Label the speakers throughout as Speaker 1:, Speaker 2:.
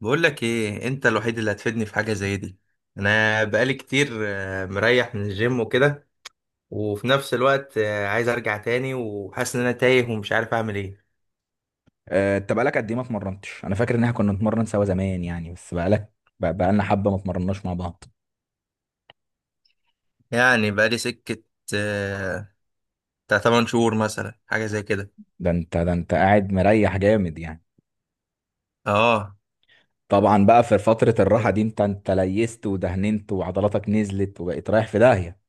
Speaker 1: بقول لك ايه انت الوحيد اللي هتفيدني في حاجه زي دي. انا بقالي كتير مريح من الجيم وكده. وفي نفس الوقت عايز ارجع تاني وحاسس ان انا تايه ومش عارف اعمل ايه.
Speaker 2: آه، انت بقالك قد ايه ما اتمرنتش؟ انا فاكر ان احنا كنا نتمرن سوا زمان يعني، بس بقالك بقالنا حبه ما اتمرناش مع بعض.
Speaker 1: يعني بقالي سكه آه، بتاع 8 شهور مثلا، حاجه زي كده.
Speaker 2: ده انت قاعد مريح جامد يعني.
Speaker 1: اه،
Speaker 2: طبعا بقى في فتره الراحه دي انت ليست ودهننت وعضلاتك نزلت وبقيت رايح في داهيه.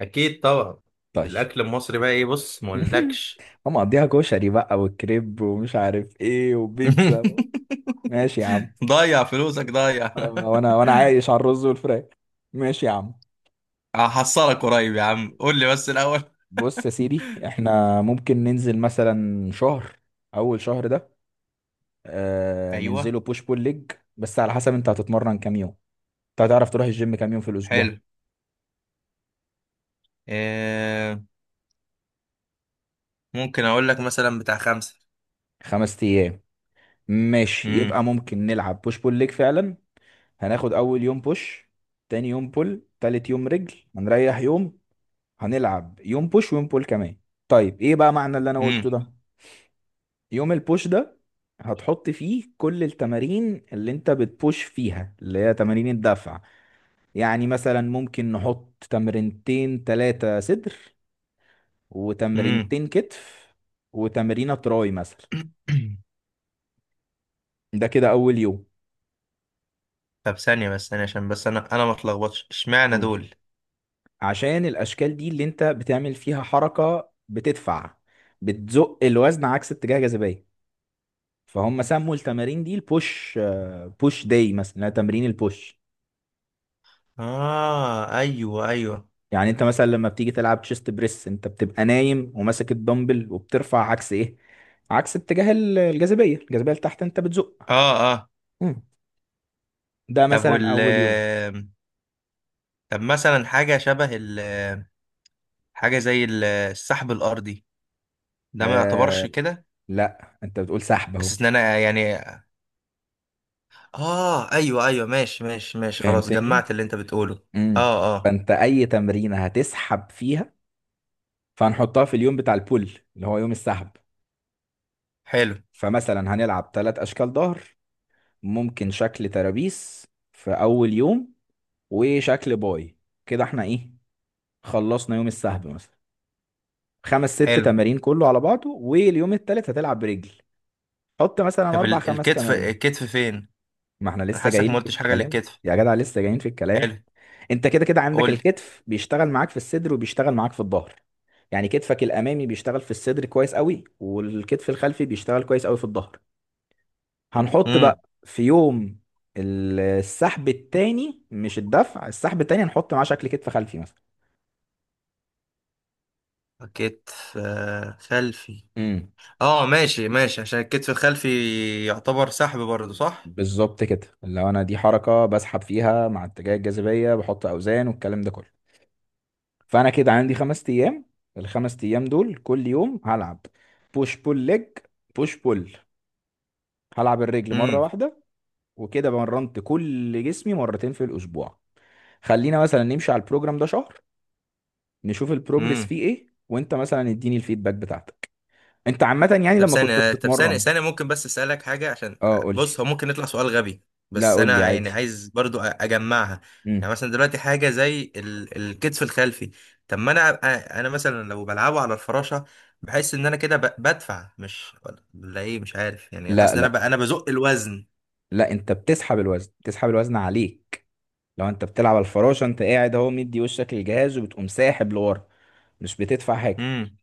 Speaker 1: اكيد طبعا.
Speaker 2: طيب.
Speaker 1: الاكل المصري بقى ايه؟ بص، ما اقولكش.
Speaker 2: هم مقضيها كشري بقى والكريب ومش عارف ايه وبيتزا. ماشي يا عم.
Speaker 1: ضيع فلوسك ضيع.
Speaker 2: آه، وانا وانا عايش على الرز والفراخ. ماشي يا عم.
Speaker 1: هحصلك قريب يا عم، قول لي بس الاول.
Speaker 2: بص يا سيدي، احنا ممكن ننزل مثلا شهر. اول شهر ده آه
Speaker 1: ايوه.
Speaker 2: ننزله بوش بول ليج، بس على حسب انت هتتمرن كام يوم، انت هتعرف تروح الجيم كام يوم في الاسبوع.
Speaker 1: حلو. آه، ممكن اقول لك مثلا بتاع خمسة.
Speaker 2: خمس ايام؟ ماشي،
Speaker 1: امم.
Speaker 2: يبقى ممكن نلعب بوش بول ليج فعلا. هناخد اول يوم بوش، تاني يوم بول، تالت يوم رجل، هنريح يوم، هنلعب يوم بوش ويوم بول كمان. طيب ايه بقى معنى اللي انا
Speaker 1: امم.
Speaker 2: قلته ده؟ يوم البوش ده هتحط فيه كل التمارين اللي انت بتبوش فيها، اللي هي تمارين الدفع. يعني مثلا ممكن نحط تمرينتين تلاتة صدر،
Speaker 1: امم.
Speaker 2: وتمرينتين كتف، وتمرينة تراي مثلا. ده كده أول يوم.
Speaker 1: طب ثانية بس ثانية، عشان بس انا ما اتلخبطش. اشمعنى
Speaker 2: قول لي.
Speaker 1: دول؟
Speaker 2: عشان الأشكال دي اللي أنت بتعمل فيها حركة بتدفع، بتزق الوزن عكس اتجاه جاذبية، فهم سموا التمارين دي البوش. بوش داي مثلا، اللي هي تمرين البوش.
Speaker 1: اه، ايوه ايوه.
Speaker 2: يعني أنت مثلا لما بتيجي تلعب تشيست بريس، أنت بتبقى نايم وماسك الدمبل وبترفع عكس إيه؟ عكس اتجاه الجاذبية لتحت، أنت بتزق.
Speaker 1: اه اه.
Speaker 2: مم. ده
Speaker 1: طب
Speaker 2: مثلا
Speaker 1: وال،
Speaker 2: أول يوم.
Speaker 1: طب مثلا حاجة شبه ال، حاجة زي السحب الأرضي، ده ما يعتبرش
Speaker 2: آه،
Speaker 1: كده؟
Speaker 2: لا أنت بتقول سحب أهو.
Speaker 1: بس ان انا يعني، اه ايوه ايوه، ماشي ماشي ماشي، خلاص
Speaker 2: فهمتني.
Speaker 1: جمعت اللي انت بتقوله.
Speaker 2: امم.
Speaker 1: اه اه.
Speaker 2: فانت اي تمرينه هتسحب فيها، فهنحطها في اليوم بتاع البول، اللي هو يوم السحب.
Speaker 1: حلو.
Speaker 2: فمثلا هنلعب ثلاث اشكال ظهر، ممكن شكل ترابيس في اول يوم، وشكل باي. كده احنا ايه، خلصنا يوم السحب مثلا، خمس ست
Speaker 1: حلو.
Speaker 2: تمارين كله على بعضه. واليوم التالت هتلعب برجل، حط مثلا
Speaker 1: طب
Speaker 2: اربع خمس
Speaker 1: الكتف
Speaker 2: تمارين.
Speaker 1: الكتف فين؟
Speaker 2: ما احنا
Speaker 1: انا
Speaker 2: لسه
Speaker 1: حاسك ما
Speaker 2: جايين في
Speaker 1: قلتش حاجة
Speaker 2: الكلام.
Speaker 1: للكتف.
Speaker 2: يا جدع لسه جايين في الكلام.
Speaker 1: حلو.
Speaker 2: انت كده كده عندك
Speaker 1: قول.
Speaker 2: الكتف بيشتغل معاك في الصدر وبيشتغل معاك في الظهر. يعني كتفك الامامي بيشتغل في الصدر كويس قوي، والكتف الخلفي بيشتغل كويس قوي في الظهر. هنحط
Speaker 1: امم.
Speaker 2: بقى في يوم السحب التاني، مش الدفع، السحب التاني هنحط معاه شكل كتف خلفي مثلا.
Speaker 1: كتف خلفي.
Speaker 2: امم.
Speaker 1: اه، ماشي ماشي، عشان الكتف الخلفي يعتبر سحب برضه، صح؟
Speaker 2: بالظبط كده، لو انا دي حركه بسحب فيها مع اتجاه الجاذبيه، بحط اوزان والكلام ده كله. فانا كده عندي خمس ايام، الخمس ايام دول كل يوم هلعب بوش بول ليج، بوش بول، هلعب الرجل مره
Speaker 1: امم.
Speaker 2: واحده. وكده مرنت كل جسمي مرتين في الاسبوع. خلينا مثلا نمشي على البروجرام ده شهر، نشوف البروجرس
Speaker 1: امم.
Speaker 2: فيه ايه، وانت مثلا اديني الفيدباك بتاعتك. انت عامة يعني
Speaker 1: طب
Speaker 2: لما كنت
Speaker 1: ثانية طب ثانية
Speaker 2: بتتمرن.
Speaker 1: ثانية ممكن بس اسألك حاجة، عشان
Speaker 2: اه قول لي.
Speaker 1: بص، هو ممكن يطلع سؤال غبي،
Speaker 2: لا
Speaker 1: بس
Speaker 2: قول لي
Speaker 1: انا يعني
Speaker 2: عادي.
Speaker 1: عايز برضو اجمعها.
Speaker 2: امم.
Speaker 1: يعني مثلا دلوقتي حاجة زي الكتف الخلفي، طب ما انا انا مثلا لو بلعبه على الفراشة بحس ان انا كده بدفع، مش، ولا ايه؟ مش عارف، يعني
Speaker 2: لا
Speaker 1: حاسس ان انا
Speaker 2: لا
Speaker 1: انا بزق الوزن.
Speaker 2: لا، انت بتسحب الوزن، بتسحب الوزن عليك. لو انت بتلعب على الفراشة انت قاعد اهو مدي وشك للجهاز وبتقوم ساحب لورا، مش بتدفع حاجة.
Speaker 1: امم.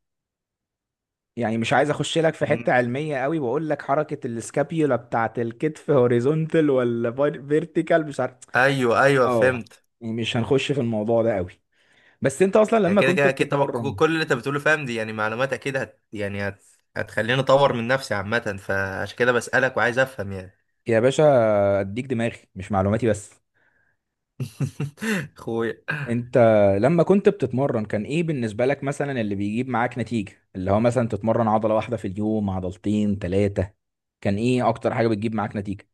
Speaker 2: يعني مش عايز اخش لك في
Speaker 1: امم.
Speaker 2: حتة علمية قوي واقول لك حركة السكابيولا بتاعت الكتف هوريزونتال ولا فيرتيكال، مش عارف.
Speaker 1: ايوه ايوه
Speaker 2: اه.
Speaker 1: فهمت.
Speaker 2: يعني مش هنخش في الموضوع ده قوي. بس انت اصلا
Speaker 1: يعني
Speaker 2: لما
Speaker 1: كده
Speaker 2: كنت
Speaker 1: كده اكيد طبعا،
Speaker 2: بتتمرن.
Speaker 1: كل اللي انت بتقوله فاهم. دي يعني معلومات اكيد هتخليني اطور من نفسي عامه، فعشان كده بسالك وعايز افهم يعني.
Speaker 2: يا باشا، اديك دماغي مش معلوماتي بس.
Speaker 1: اخويا.
Speaker 2: انت لما كنت بتتمرن كان ايه بالنسبة لك مثلا اللي بيجيب معاك نتيجة؟ اللي هو مثلا تتمرن عضلة واحدة في اليوم، عضلتين، ثلاثة؟ كان ايه اكتر حاجة بتجيب معاك نتيجة؟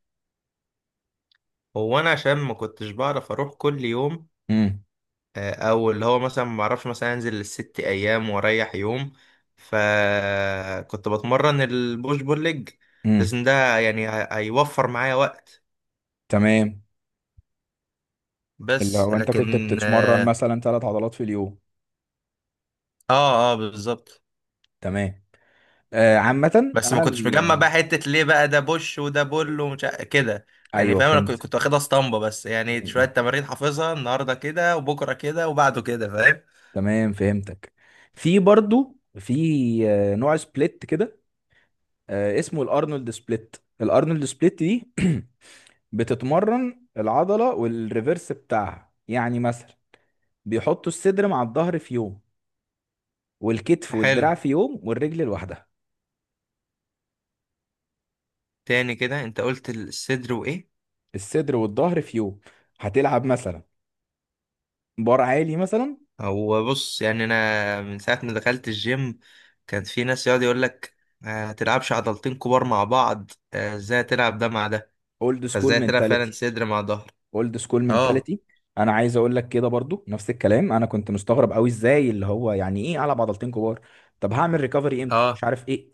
Speaker 1: هو انا عشان ما كنتش بعرف اروح كل يوم،
Speaker 2: امم.
Speaker 1: او اللي هو مثلا ما بعرفش مثلا انزل الست ايام واريح يوم، فكنت بتمرن البوش بول ليج.
Speaker 2: امم.
Speaker 1: لازم ده يعني هيوفر معايا وقت.
Speaker 2: تمام. اللي
Speaker 1: بس
Speaker 2: هو انت كنت
Speaker 1: لكن،
Speaker 2: بتتمرن
Speaker 1: اه،
Speaker 2: مثلا ثلاث عضلات في اليوم.
Speaker 1: اه، آه بالظبط.
Speaker 2: تمام. آه عامة
Speaker 1: بس ما
Speaker 2: انا
Speaker 1: كنتش مجمع
Speaker 2: ال...
Speaker 1: بقى حتة ليه بقى ده بوش وده بول ومش كده. يعني
Speaker 2: ايوه
Speaker 1: فاهم، انا
Speaker 2: فهمت.
Speaker 1: كنت واخدها اسطمبة بس، يعني شوية تمارين حافظها النهاردة كده وبكرة كده وبعده كده، فاهم.
Speaker 2: تمام فهمتك. في برضو في آه، نوع سبليت كده، اسمه الارنولد سبليت. الارنولد سبليت دي بتتمرن العضله والريفرس بتاعها، يعني مثلا بيحطوا الصدر مع الظهر في يوم، والكتف
Speaker 1: حلو.
Speaker 2: والدراع في يوم، والرجل لوحدها.
Speaker 1: تاني كده انت قلت الصدر وايه؟
Speaker 2: الصدر والظهر في يوم، هتلعب مثلا بار عالي مثلا.
Speaker 1: هو بص، يعني انا من ساعة ما دخلت الجيم كان في ناس يقعد يقول لك ما تلعبش عضلتين كبار مع بعض، ازاي تلعب ده مع ده؟
Speaker 2: اولد سكول
Speaker 1: فازاي تلعب فعلا
Speaker 2: مينتاليتي.
Speaker 1: صدر مع ظهر؟
Speaker 2: اولد سكول
Speaker 1: اه.
Speaker 2: منتاليتي. انا عايز اقول لك كده برضو نفس الكلام، انا كنت مستغرب قوي ازاي اللي هو يعني ايه العب عضلتين كبار، طب هعمل ريكفري امتى، مش
Speaker 1: اه،
Speaker 2: عارف ايه.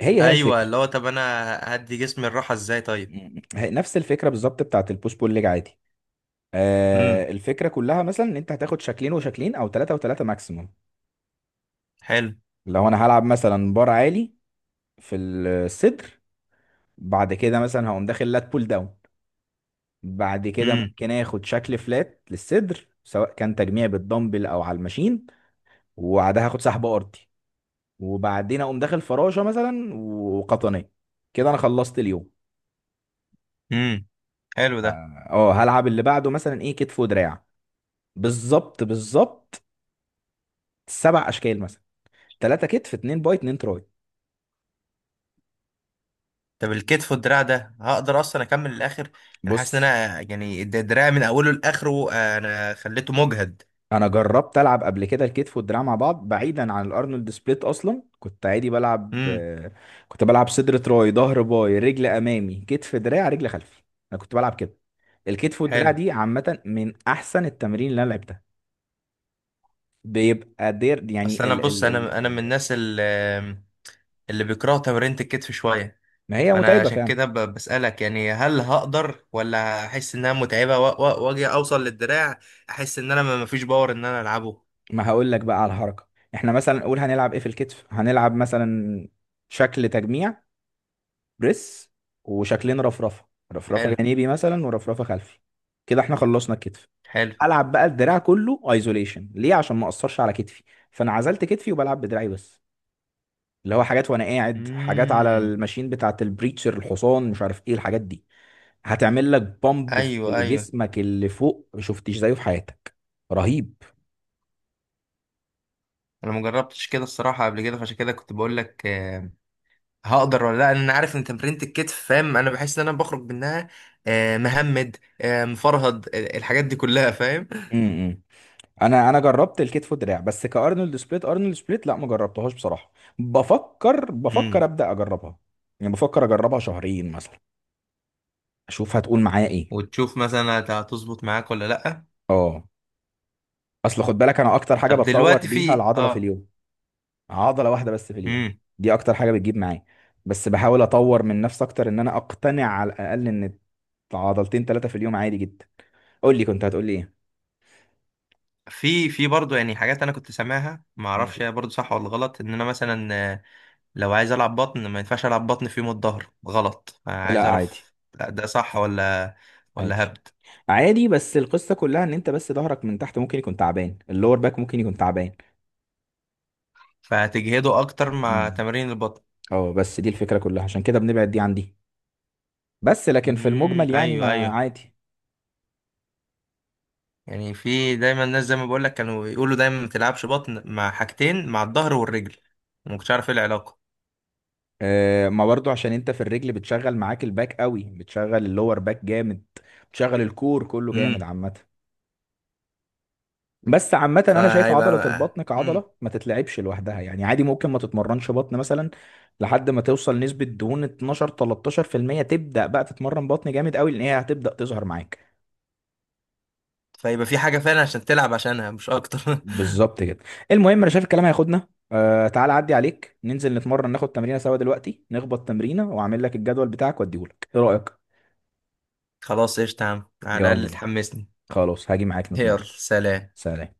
Speaker 2: هي هي
Speaker 1: ايوه، اللي
Speaker 2: الفكره.
Speaker 1: هو طب انا هدي جسمي الراحة ازاي؟ طيب.
Speaker 2: م- هي نفس الفكره بالظبط بتاعت البوش بول ليج عادي.
Speaker 1: امم.
Speaker 2: الفكره كلها مثلا ان انت هتاخد شكلين وشكلين، او ثلاثه وثلاثه ماكسيموم.
Speaker 1: حلو.
Speaker 2: لو انا هلعب مثلا بار عالي في الصدر، بعد كده مثلا هقوم داخل لات بول داون، بعد كده
Speaker 1: مم.
Speaker 2: ممكن اخد شكل فلات للصدر سواء كان تجميع بالدمبل او على الماشين، وبعدها هاخد سحب ارضي، وبعدين اقوم داخل فراشه مثلا وقطنيه. كده انا خلصت اليوم.
Speaker 1: امم. حلو ده.
Speaker 2: اه، آه، هلعب اللي بعده مثلا ايه، كتف ودراع. بالظبط بالظبط. سبع اشكال مثلا، ثلاثة كتف، اتنين باي، اتنين تراي.
Speaker 1: طب الكتف والدراع ده هقدر اصلا اكمل للاخر؟ انا حاسس ان
Speaker 2: بص،
Speaker 1: انا يعني الدراع من اوله لاخره انا خليته مجهد.
Speaker 2: انا جربت العب قبل كده الكتف والدراع مع بعض بعيدا عن الارنولد سبليت، اصلا كنت عادي بلعب
Speaker 1: امم.
Speaker 2: آه، كنت بلعب صدر تراي، ظهر باي، رجل امامي، كتف دراع، رجل خلفي. انا كنت بلعب كده. الكتف والدراع
Speaker 1: حلو.
Speaker 2: دي عامة من احسن التمارين اللي انا لعبتها. بيبقى دير يعني.
Speaker 1: اصل انا بص، انا من الناس اللي بيكرهوا تمرينة الكتف شويه،
Speaker 2: ما هي
Speaker 1: فانا
Speaker 2: متعبة
Speaker 1: عشان
Speaker 2: فعلا.
Speaker 1: كده بسالك، يعني هل هقدر ولا احس انها متعبه واجي اوصل للدراع؟ احس ان انا ما فيش باور ان انا العبه.
Speaker 2: ما هقول لك بقى على الحركة. احنا مثلا نقول هنلعب ايه في الكتف، هنلعب مثلا شكل تجميع، بريس، وشكلين رفرفة، رفرفة
Speaker 1: حلو
Speaker 2: جانبي مثلا ورفرفة خلفي. كده احنا خلصنا الكتف.
Speaker 1: حلو.
Speaker 2: العب بقى الدراع كله ايزوليشن، ليه؟ عشان ما اقصرش على كتفي. فانا عزلت كتفي وبلعب بدراعي بس، اللي هو حاجات وانا قاعد، حاجات على
Speaker 1: امم.
Speaker 2: الماشين بتاعت البريتشر، الحصان، مش عارف ايه الحاجات دي. هتعمل لك بامب في
Speaker 1: ايوه ايوه.
Speaker 2: جسمك اللي فوق ما شفتش زيه في حياتك. رهيب.
Speaker 1: انا مجربتش كده الصراحه قبل كده، فعشان كده كنت بقول لك هقدر ولا لا، لأن انا عارف ان تمرينة الكتف فاهم، انا بحس ان انا بخرج منها مهمد، مفرهد، الحاجات دي كلها، فاهم.
Speaker 2: امم. انا جربت الكتف والدراع بس، كارنولد سبليت، ارنولد سبليت لا ما جربتهاش بصراحه. بفكر
Speaker 1: امم.
Speaker 2: ابدا اجربها، يعني بفكر اجربها شهرين مثلا، اشوف هتقول معايا ايه.
Speaker 1: وتشوف مثلا هتظبط معاك ولا لا.
Speaker 2: اه. اصل خد بالك انا اكتر حاجه
Speaker 1: طب
Speaker 2: بتطور
Speaker 1: دلوقتي
Speaker 2: بيها
Speaker 1: في،
Speaker 2: العضله في
Speaker 1: اه،
Speaker 2: اليوم، عضله واحده بس في اليوم،
Speaker 1: امم،
Speaker 2: دي اكتر حاجه بتجيب معايا. بس بحاول اطور من نفسي اكتر ان انا اقتنع على الاقل ان عضلتين ثلاثه في اليوم عادي جدا. قول لي كنت هتقول لي ايه.
Speaker 1: في برضه يعني حاجات انا كنت سامعها، ما
Speaker 2: مم.
Speaker 1: اعرفش هي برضه صح ولا غلط، ان انا مثلا لو عايز العب بطن، ما ينفعش العب بطن في يوم الظهر، غلط؟ عايز
Speaker 2: لا عادي.
Speaker 1: اعرف، لا ده صح ولا،
Speaker 2: عادي.
Speaker 1: ولا هبد،
Speaker 2: عادي بس القصه كلها ان انت بس ظهرك من تحت ممكن يكون تعبان، اللور باك ممكن يكون تعبان.
Speaker 1: فهتجهده اكتر مع
Speaker 2: امم.
Speaker 1: تمارين البطن.
Speaker 2: اه بس دي الفكره كلها، عشان كده بنبعد دي عن دي. بس لكن في
Speaker 1: امم،
Speaker 2: المجمل يعني
Speaker 1: ايوه
Speaker 2: ما
Speaker 1: ايوه.
Speaker 2: عادي.
Speaker 1: يعني في دايما الناس زي ما بقول لك كانوا يقولوا دايما ما تلعبش بطن مع حاجتين، مع الظهر والرجل، وما كنتش عارف ايه العلاقه.
Speaker 2: ما برضو عشان انت في الرجل بتشغل معاك الباك قوي، بتشغل اللور باك جامد، بتشغل الكور كله جامد
Speaker 1: امم.
Speaker 2: عامه. بس عامة أنا شايف عضلة
Speaker 1: فهيبقى.
Speaker 2: البطن
Speaker 1: امم.
Speaker 2: كعضلة ما تتلعبش لوحدها، يعني عادي ممكن ما تتمرنش بطن مثلا لحد ما توصل نسبة دهون 12-13% تبدأ بقى تتمرن بطن جامد قوي، لأن هي هتبدأ تظهر معاك.
Speaker 1: فيبقى في حاجه فعلا عشان تلعب عشانها، مش اكتر.
Speaker 2: بالظبط كده. المهم انا شايف الكلام هياخدنا، تعال عدي عليك ننزل نتمرن، ناخد تمرينه سوا دلوقتي، نخبط تمرينه واعمل لك الجدول بتاعك واديهولك، ايه رايك؟
Speaker 1: خلاص قشطة يا عم، على
Speaker 2: يلا
Speaker 1: الاقل
Speaker 2: بينا.
Speaker 1: تحمسني.
Speaker 2: خلاص هاجي معاك
Speaker 1: يلا،
Speaker 2: نتمرن.
Speaker 1: سلام.
Speaker 2: سلام.